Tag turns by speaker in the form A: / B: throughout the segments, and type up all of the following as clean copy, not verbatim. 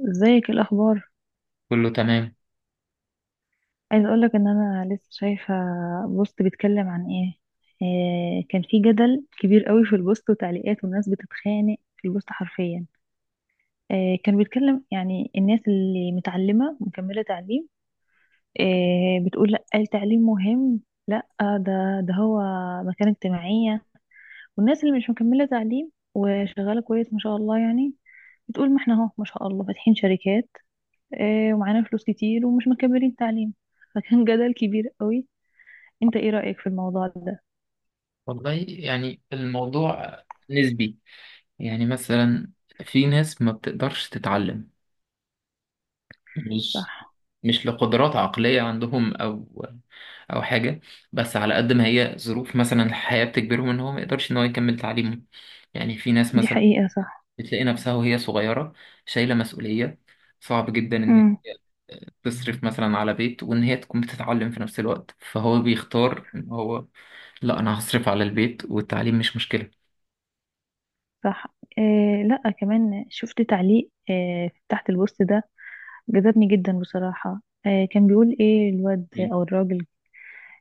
A: ازيك؟ إيه الاخبار؟
B: كله تمام.
A: عايز اقولك ان انا لسه شايفه بوست بيتكلم عن ايه. كان في جدل كبير قوي في البوست وتعليقات، والناس بتتخانق في البوست حرفيا. كان بيتكلم يعني الناس اللي متعلمه مكمله تعليم، بتقول لا التعليم مهم، لا ده ده هو مكانه اجتماعيه. والناس اللي مش مكمله تعليم وشغاله كويس ما شاء الله يعني، بتقول ما احنا اهو ما شاء الله فاتحين شركات ومعانا فلوس كتير ومش مكملين التعليم. فكان جدل كبير قوي. انت ايه رأيك في الموضوع ده؟
B: والله يعني الموضوع نسبي. يعني مثلا في ناس ما بتقدرش تتعلم، مش
A: صح.
B: مش لقدرات عقلية عندهم أو حاجة. بس على قد ما هي ظروف مثلا الحياة بتجبرهم إن هو ما يقدرش إن هو يكمل تعليمه. يعني في ناس
A: دي
B: مثلا
A: حقيقة صح.
B: بتلاقي نفسها وهي صغيرة شايلة مسؤولية، صعب جدا إن
A: امم
B: تصرف مثلا على بيت وإن هي تكون بتتعلم في نفس الوقت، فهو بيختار إن هو لا أنا هصرف على البيت والتعليم مش مشكلة.
A: صح. آه لا، كمان شفت تعليق تحت البوست ده، جذبني جدا بصراحة. كان بيقول ايه الواد او الراجل،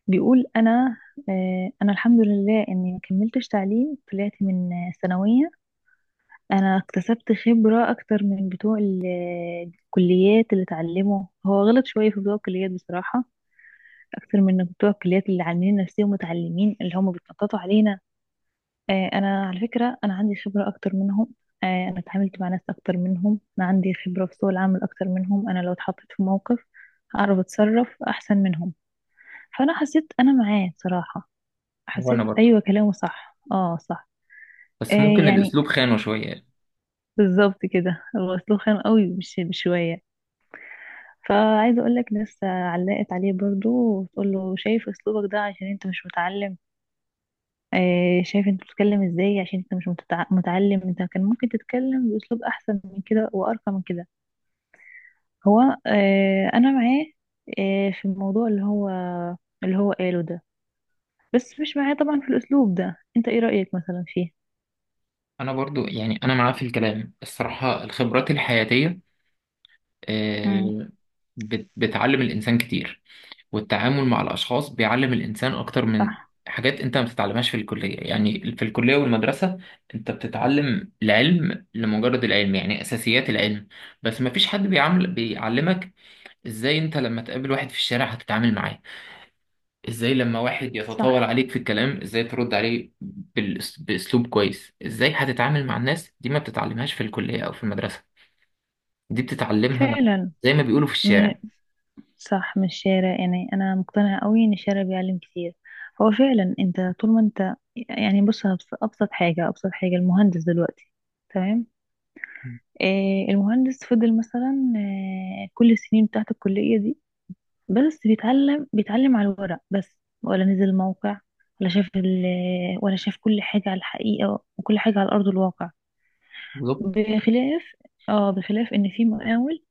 A: بيقول انا، انا الحمد لله اني ما كملتش تعليم، طلعت من ثانوية. انا اكتسبت خبرة اكتر من بتوع الكليات اللي اتعلموا، هو غلط شوية في بتوع الكليات بصراحة، اكتر من بتوع الكليات اللي عاملين نفسهم متعلمين اللي هم بيتنططوا علينا. انا على فكره انا عندي خبره اكتر منهم. انا اتعاملت مع ناس اكتر منهم، انا عندي خبره في سوق العمل اكتر منهم، انا لو اتحطيت في موقف هعرف اتصرف احسن منهم. فانا حسيت انا معاه صراحه،
B: وانا
A: حسيت
B: برضو،
A: ايوه كلامه صح. اه صح. آه،
B: بس ممكن
A: يعني
B: الاسلوب خانه شويه.
A: بالظبط كده، هو اسلوب خام قوي مش بشويه. فعايزه اقول لك ناس علقت عليه برضو، وتقول له شايف اسلوبك ده عشان انت مش متعلم، شايف انت بتتكلم ازاي عشان انت مش متعلم، انت كان ممكن تتكلم باسلوب احسن من كده وارقى من كده. هو، انا معاه في الموضوع اللي هو قاله ده، بس مش معاه طبعا في الاسلوب ده. انت ايه رايك مثلا فيه؟
B: انا برضو يعني انا معاه في الكلام، الصراحه الخبرات الحياتيه،
A: امم
B: آه، بتعلم الانسان كتير. والتعامل مع الاشخاص بيعلم الانسان اكتر من
A: صح.
B: حاجات انت ما بتتعلمهاش في الكليه. يعني في الكليه والمدرسه انت بتتعلم العلم لمجرد العلم، يعني اساسيات العلم. بس ما فيش حد بيعلمك ازاي انت لما تقابل واحد في الشارع هتتعامل معاه، ازاي لما واحد يتطاول
A: صح
B: عليك في الكلام ازاي ترد عليه باسلوب كويس. ازاي هتتعامل مع الناس دي ما بتتعلمهاش في الكلية او في المدرسة، دي بتتعلمها
A: فعلا.
B: زي ما بيقولوا في
A: من
B: الشارع.
A: صح، من الشارع يعني. انا مقتنعه قوي ان الشارع بيعلم كتير. هو فعلا انت طول ما انت، يعني بص ابسط حاجه، ابسط حاجه المهندس دلوقتي. تمام. المهندس فضل مثلا كل السنين بتاعت الكلية دي بس بيتعلم، بيتعلم على الورق بس، ولا نزل موقع، ولا شاف ال ولا شاف كل حاجة على الحقيقة، وكل حاجة على أرض الواقع.
B: بالظبط.
A: بخلاف، اه بخلاف إن في مقاول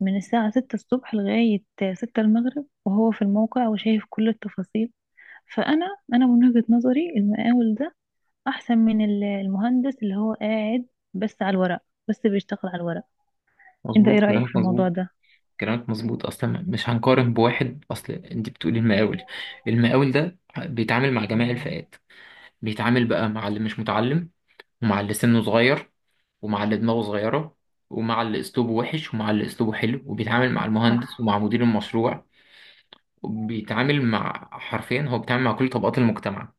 A: من الساعة ستة الصبح لغاية ستة المغرب وهو في الموقع وشايف كل التفاصيل. فأنا، أنا من وجهة نظري المقاول ده أحسن من المهندس اللي هو قاعد بس على الورق، بس بيشتغل على الورق. انت ايه
B: مظبوط
A: رأيك في
B: كلامك، مظبوط.
A: الموضوع ده؟
B: كلامك مظبوط، اصلا مش هنقارن بواحد. اصل انت بتقولي المقاول. المقاول ده بيتعامل مع جميع الفئات، بيتعامل بقى مع اللي مش متعلم، ومع اللي سنه صغير، ومع اللي دماغه صغيرة، ومع اللي اسلوبه وحش، ومع اللي اسلوبه حلو، وبيتعامل مع المهندس
A: صح.
B: ومع مدير المشروع. بيتعامل مع حرفيا هو بيتعامل مع كل طبقات المجتمع.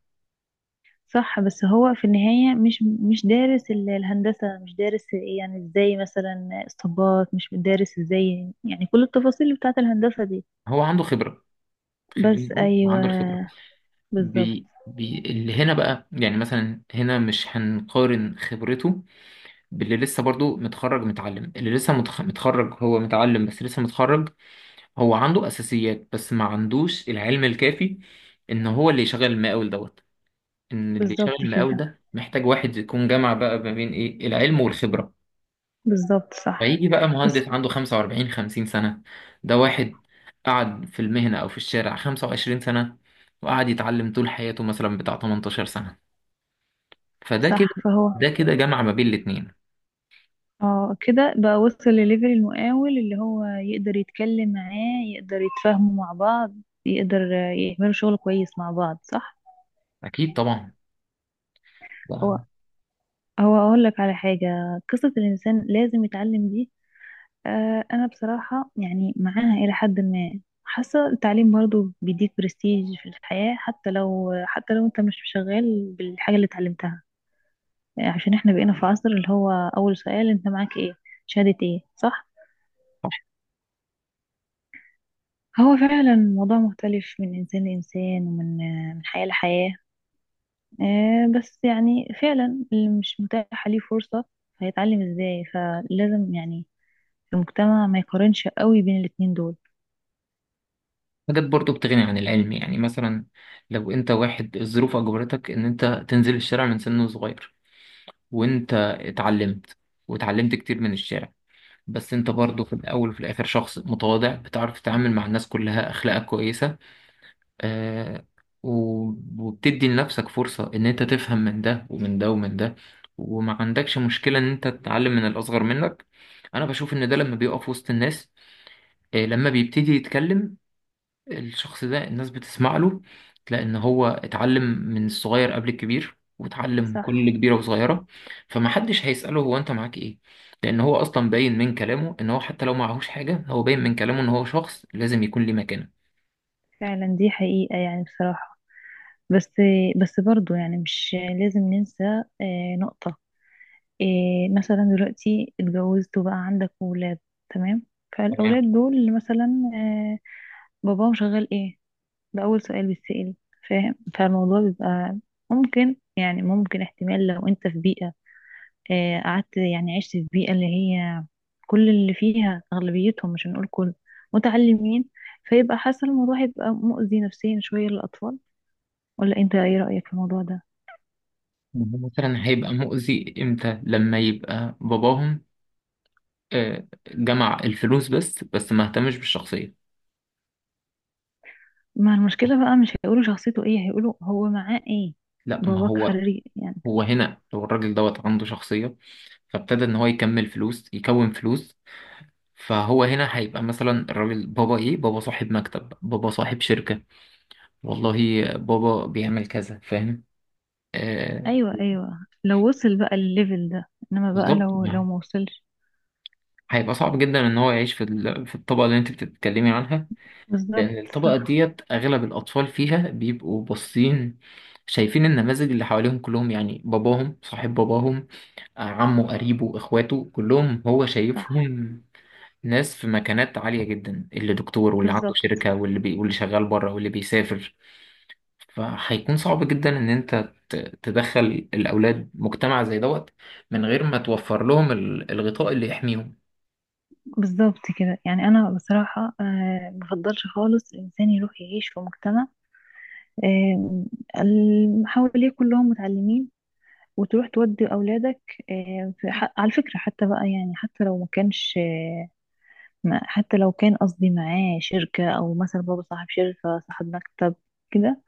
A: صح بس هو في النهاية مش، مش دارس الهندسة، مش دارس إيه، يعني ازاي مثلا اسطبات، مش دارس ازاي يعني كل التفاصيل بتاعت الهندسة دي.
B: هو عنده خبرة. خلينا
A: بس
B: نقول هو
A: ايوه.
B: عنده الخبرة.
A: بالظبط.
B: بي بي اللي هنا بقى، يعني مثلا هنا مش هنقارن خبرته باللي لسه برضو متخرج متعلم، اللي لسه متخرج. هو متعلم بس لسه متخرج. هو عنده أساسيات بس ما عندوش العلم الكافي إن هو اللي يشغل المقاول دوت. إن اللي يشغل
A: بالظبط
B: المقاول
A: كده.
B: ده محتاج واحد يكون جمع بقى ما بين إيه العلم والخبرة.
A: بالظبط صح.
B: فيجي بقى
A: بس
B: مهندس عنده 45 50 سنة، ده واحد قعد في المهنة أو في الشارع 25 سنة، وقعد يتعلم طول حياته مثلا بتاع 18 سنة. فده كده
A: صح فهو،
B: ده كده جمع ما بين الاتنين.
A: اه كده بقى وصل لليفل المقاول اللي هو يقدر يتكلم معاه، يقدر يتفاهموا مع بعض، يقدر يعملوا شغل كويس مع بعض. صح.
B: أكيد طبعا.
A: هو
B: ده
A: هو اقول لك على حاجة، قصة الانسان لازم يتعلم دي، انا بصراحة يعني معاها الى حد ما. حاسة التعليم برضو بيديك برستيج في الحياة، حتى لو انت مش شغال بالحاجة اللي اتعلمتها. عشان احنا بقينا في عصر اللي هو اول سؤال انت معاك ايه، شهادة ايه. صح. هو فعلا الموضوع مختلف من انسان لانسان، ومن من حياة لحياة. بس يعني فعلا اللي مش متاحة ليه فرصة هيتعلم ازاي، فلازم يعني المجتمع ما يقارنش قوي بين الاتنين دول.
B: حاجات برضو بتغني عن العلم، يعني مثلا لو أنت واحد الظروف أجبرتك إن أنت تنزل الشارع من سن صغير، وأنت اتعلمت، واتعلمت كتير من الشارع، بس أنت برضو في الأول وفي الآخر شخص متواضع، بتعرف تتعامل مع الناس كلها، أخلاقك كويسة، آه، و- وبتدي لنفسك فرصة إن أنت تفهم من ده ومن ده ومن ده، وما عندكش مشكلة إن أنت تتعلم من الأصغر منك. أنا بشوف إن ده لما بيقف وسط الناس، لما بيبتدي يتكلم الشخص ده الناس بتسمع له. تلاقي إن هو اتعلم من الصغير قبل الكبير، واتعلم كل
A: صح
B: كبيرة وصغيرة. فمحدش هيسأله هو أنت معاك إيه، لأن هو أصلا باين من كلامه إن هو حتى لو معهوش حاجة، هو باين من كلامه إن هو شخص لازم يكون ليه مكانة.
A: فعلا، دي حقيقة يعني بصراحة. بس بس برضو يعني مش لازم ننسى نقطة. مثلا دلوقتي اتجوزت وبقى عندك ولاد، تمام، فالأولاد دول مثلا باباهم شغال ايه، ده أول سؤال بيتسأل. فاهم؟ فالموضوع بيبقى ممكن، يعني ممكن احتمال لو انت في بيئة، قعدت يعني عشت في بيئة اللي هي كل اللي فيها أغلبيتهم، مش هنقول كل، متعلمين. فيبقى حاسة الموضوع هيبقى مؤذي نفسيا شوية للأطفال، ولا انت ايه رأيك في الموضوع ده؟
B: هو مثلا هيبقى مؤذي امتى؟ لما يبقى باباهم جمع الفلوس بس ما اهتمش بالشخصية.
A: ما المشكلة بقى، مش هيقولوا شخصيته ايه، هيقولوا هو معاه ايه.
B: لا ما
A: باباك
B: هو،
A: خريج يعني.
B: هو هنا لو الراجل دوت عنده شخصية، فابتدى ان هو يكمل فلوس يكون فلوس، فهو هنا هيبقى مثلا الراجل بابا ايه؟ بابا صاحب مكتب، بابا صاحب شركة، والله بابا بيعمل كذا، فاهم؟ آه.
A: ايوه ايوه، لو وصل بقى الليفل ده، انما بقى
B: بالظبط.
A: لو ما وصلش.
B: هيبقى صعب جدا ان هو يعيش في الطبقة اللي انت بتتكلمي عنها. لأن
A: بالظبط.
B: الطبقة
A: صح.
B: ديت أغلب الأطفال فيها بيبقوا باصين، شايفين النماذج اللي حواليهم كلهم، يعني باباهم صاحب، باباهم عمه، قريبه، إخواته كلهم هو
A: صح.
B: شايفهم، ناس في مكانات عالية جدا، اللي دكتور، واللي عنده
A: بالظبط.
B: شركة، واللي واللي شغال بره، واللي بيسافر. فهيكون صعب جدا إن أنت تدخل الأولاد مجتمع زي دوت، من غير ما توفر لهم الغطاء اللي يحميهم.
A: بالظبط كده. يعني انا بصراحة آه بفضلش خالص الانسان يروح يعيش في مجتمع، آه، حواليه كلهم متعلمين وتروح تودي اولادك، آه في على فكرة حتى بقى، يعني حتى لو ما كانش، ما حتى لو كان قصدي معاه شركة، أو مثلا بابا صاحب شركة صاحب مكتب كده.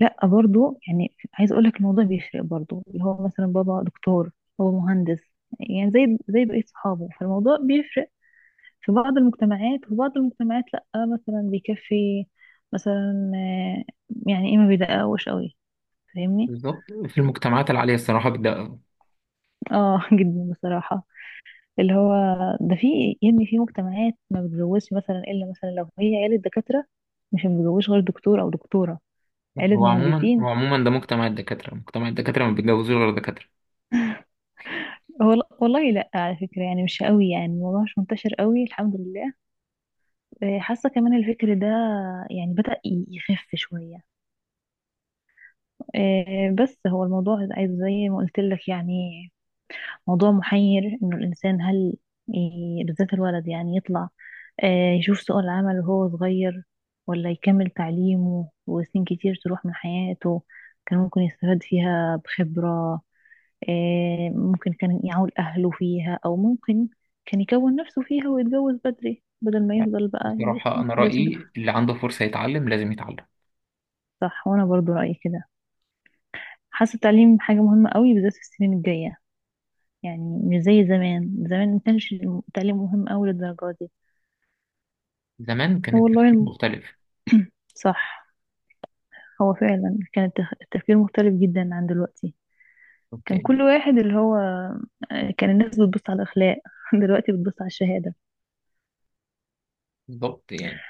A: لا برضو يعني عايز أقولك الموضوع بيفرق برضو، اللي هو مثلا بابا دكتور، هو مهندس، يعني زي بقية صحابه. فالموضوع بيفرق في بعض المجتمعات، وفي بعض المجتمعات لا، مثلا بيكفي، مثلا يعني إيه، ما بيدققوش قوي. فاهمني؟
B: بالظبط. في المجتمعات العالية الصراحة.
A: اه جدا بصراحة. اللي هو ده، في يعني في مجتمعات ما بتجوزش مثلا الا مثلا لو هي عيلة دكاترة، مش متجوزش غير دكتور او دكتورة.
B: لا،
A: عيلة
B: هو
A: مهندسين.
B: عموما ده مجتمع الدكاترة. مجتمع الدكاترة ما بيتجوزوش غير دكاترة.
A: هو والله لا على فكرة يعني مش قوي، يعني الموضوع مش منتشر قوي الحمد لله. حاسة كمان الفكر ده يعني بدأ يخف شوية. بس هو الموضوع عايز زي ما قلت لك، يعني موضوع محير، انه الانسان هل بالذات الولد يعني يطلع يشوف سوق العمل وهو صغير، ولا يكمل تعليمه وسنين كتير تروح من حياته كان ممكن يستفاد فيها بخبرة، ممكن كان يعول أهله فيها، أو ممكن كان يكون نفسه فيها ويتجوز بدري، بدل ما يفضل بقى
B: بصراحة
A: ي-
B: أنا
A: لازم
B: رأيي
A: يتخ-
B: اللي عنده فرصة يتعلم لازم يتعلم.
A: صح، وأنا برضو رأيي كده. حاسة التعليم حاجة مهمة قوي بالذات في السنين الجاية، يعني مش زي زمان، زمان ما كانش التعليم مهم أوي للدرجة دي.
B: زمان كان
A: هو والله
B: التفكير
A: الم-
B: مختلف.
A: صح. هو فعلا كان التفكير مختلف جدا عن دلوقتي. كان
B: يعني
A: كل واحد اللي هو كان الناس بتبص على الأخلاق، دلوقتي بتبص على الشهادة.
B: بالظبط. يعني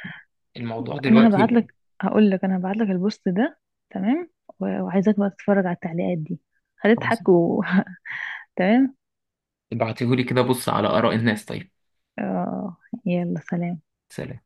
B: الموضوع
A: أنا هبعت
B: دلوقتي،
A: لك هقول لك، أنا هبعت لك البوست ده، تمام، وعايزاك بقى تتفرج على التعليقات دي،
B: خلاص.
A: هتضحك و... تمام.
B: ابعتيهولي كده بص على آراء الناس. طيب،
A: آه، يلا سلام.
B: سلام.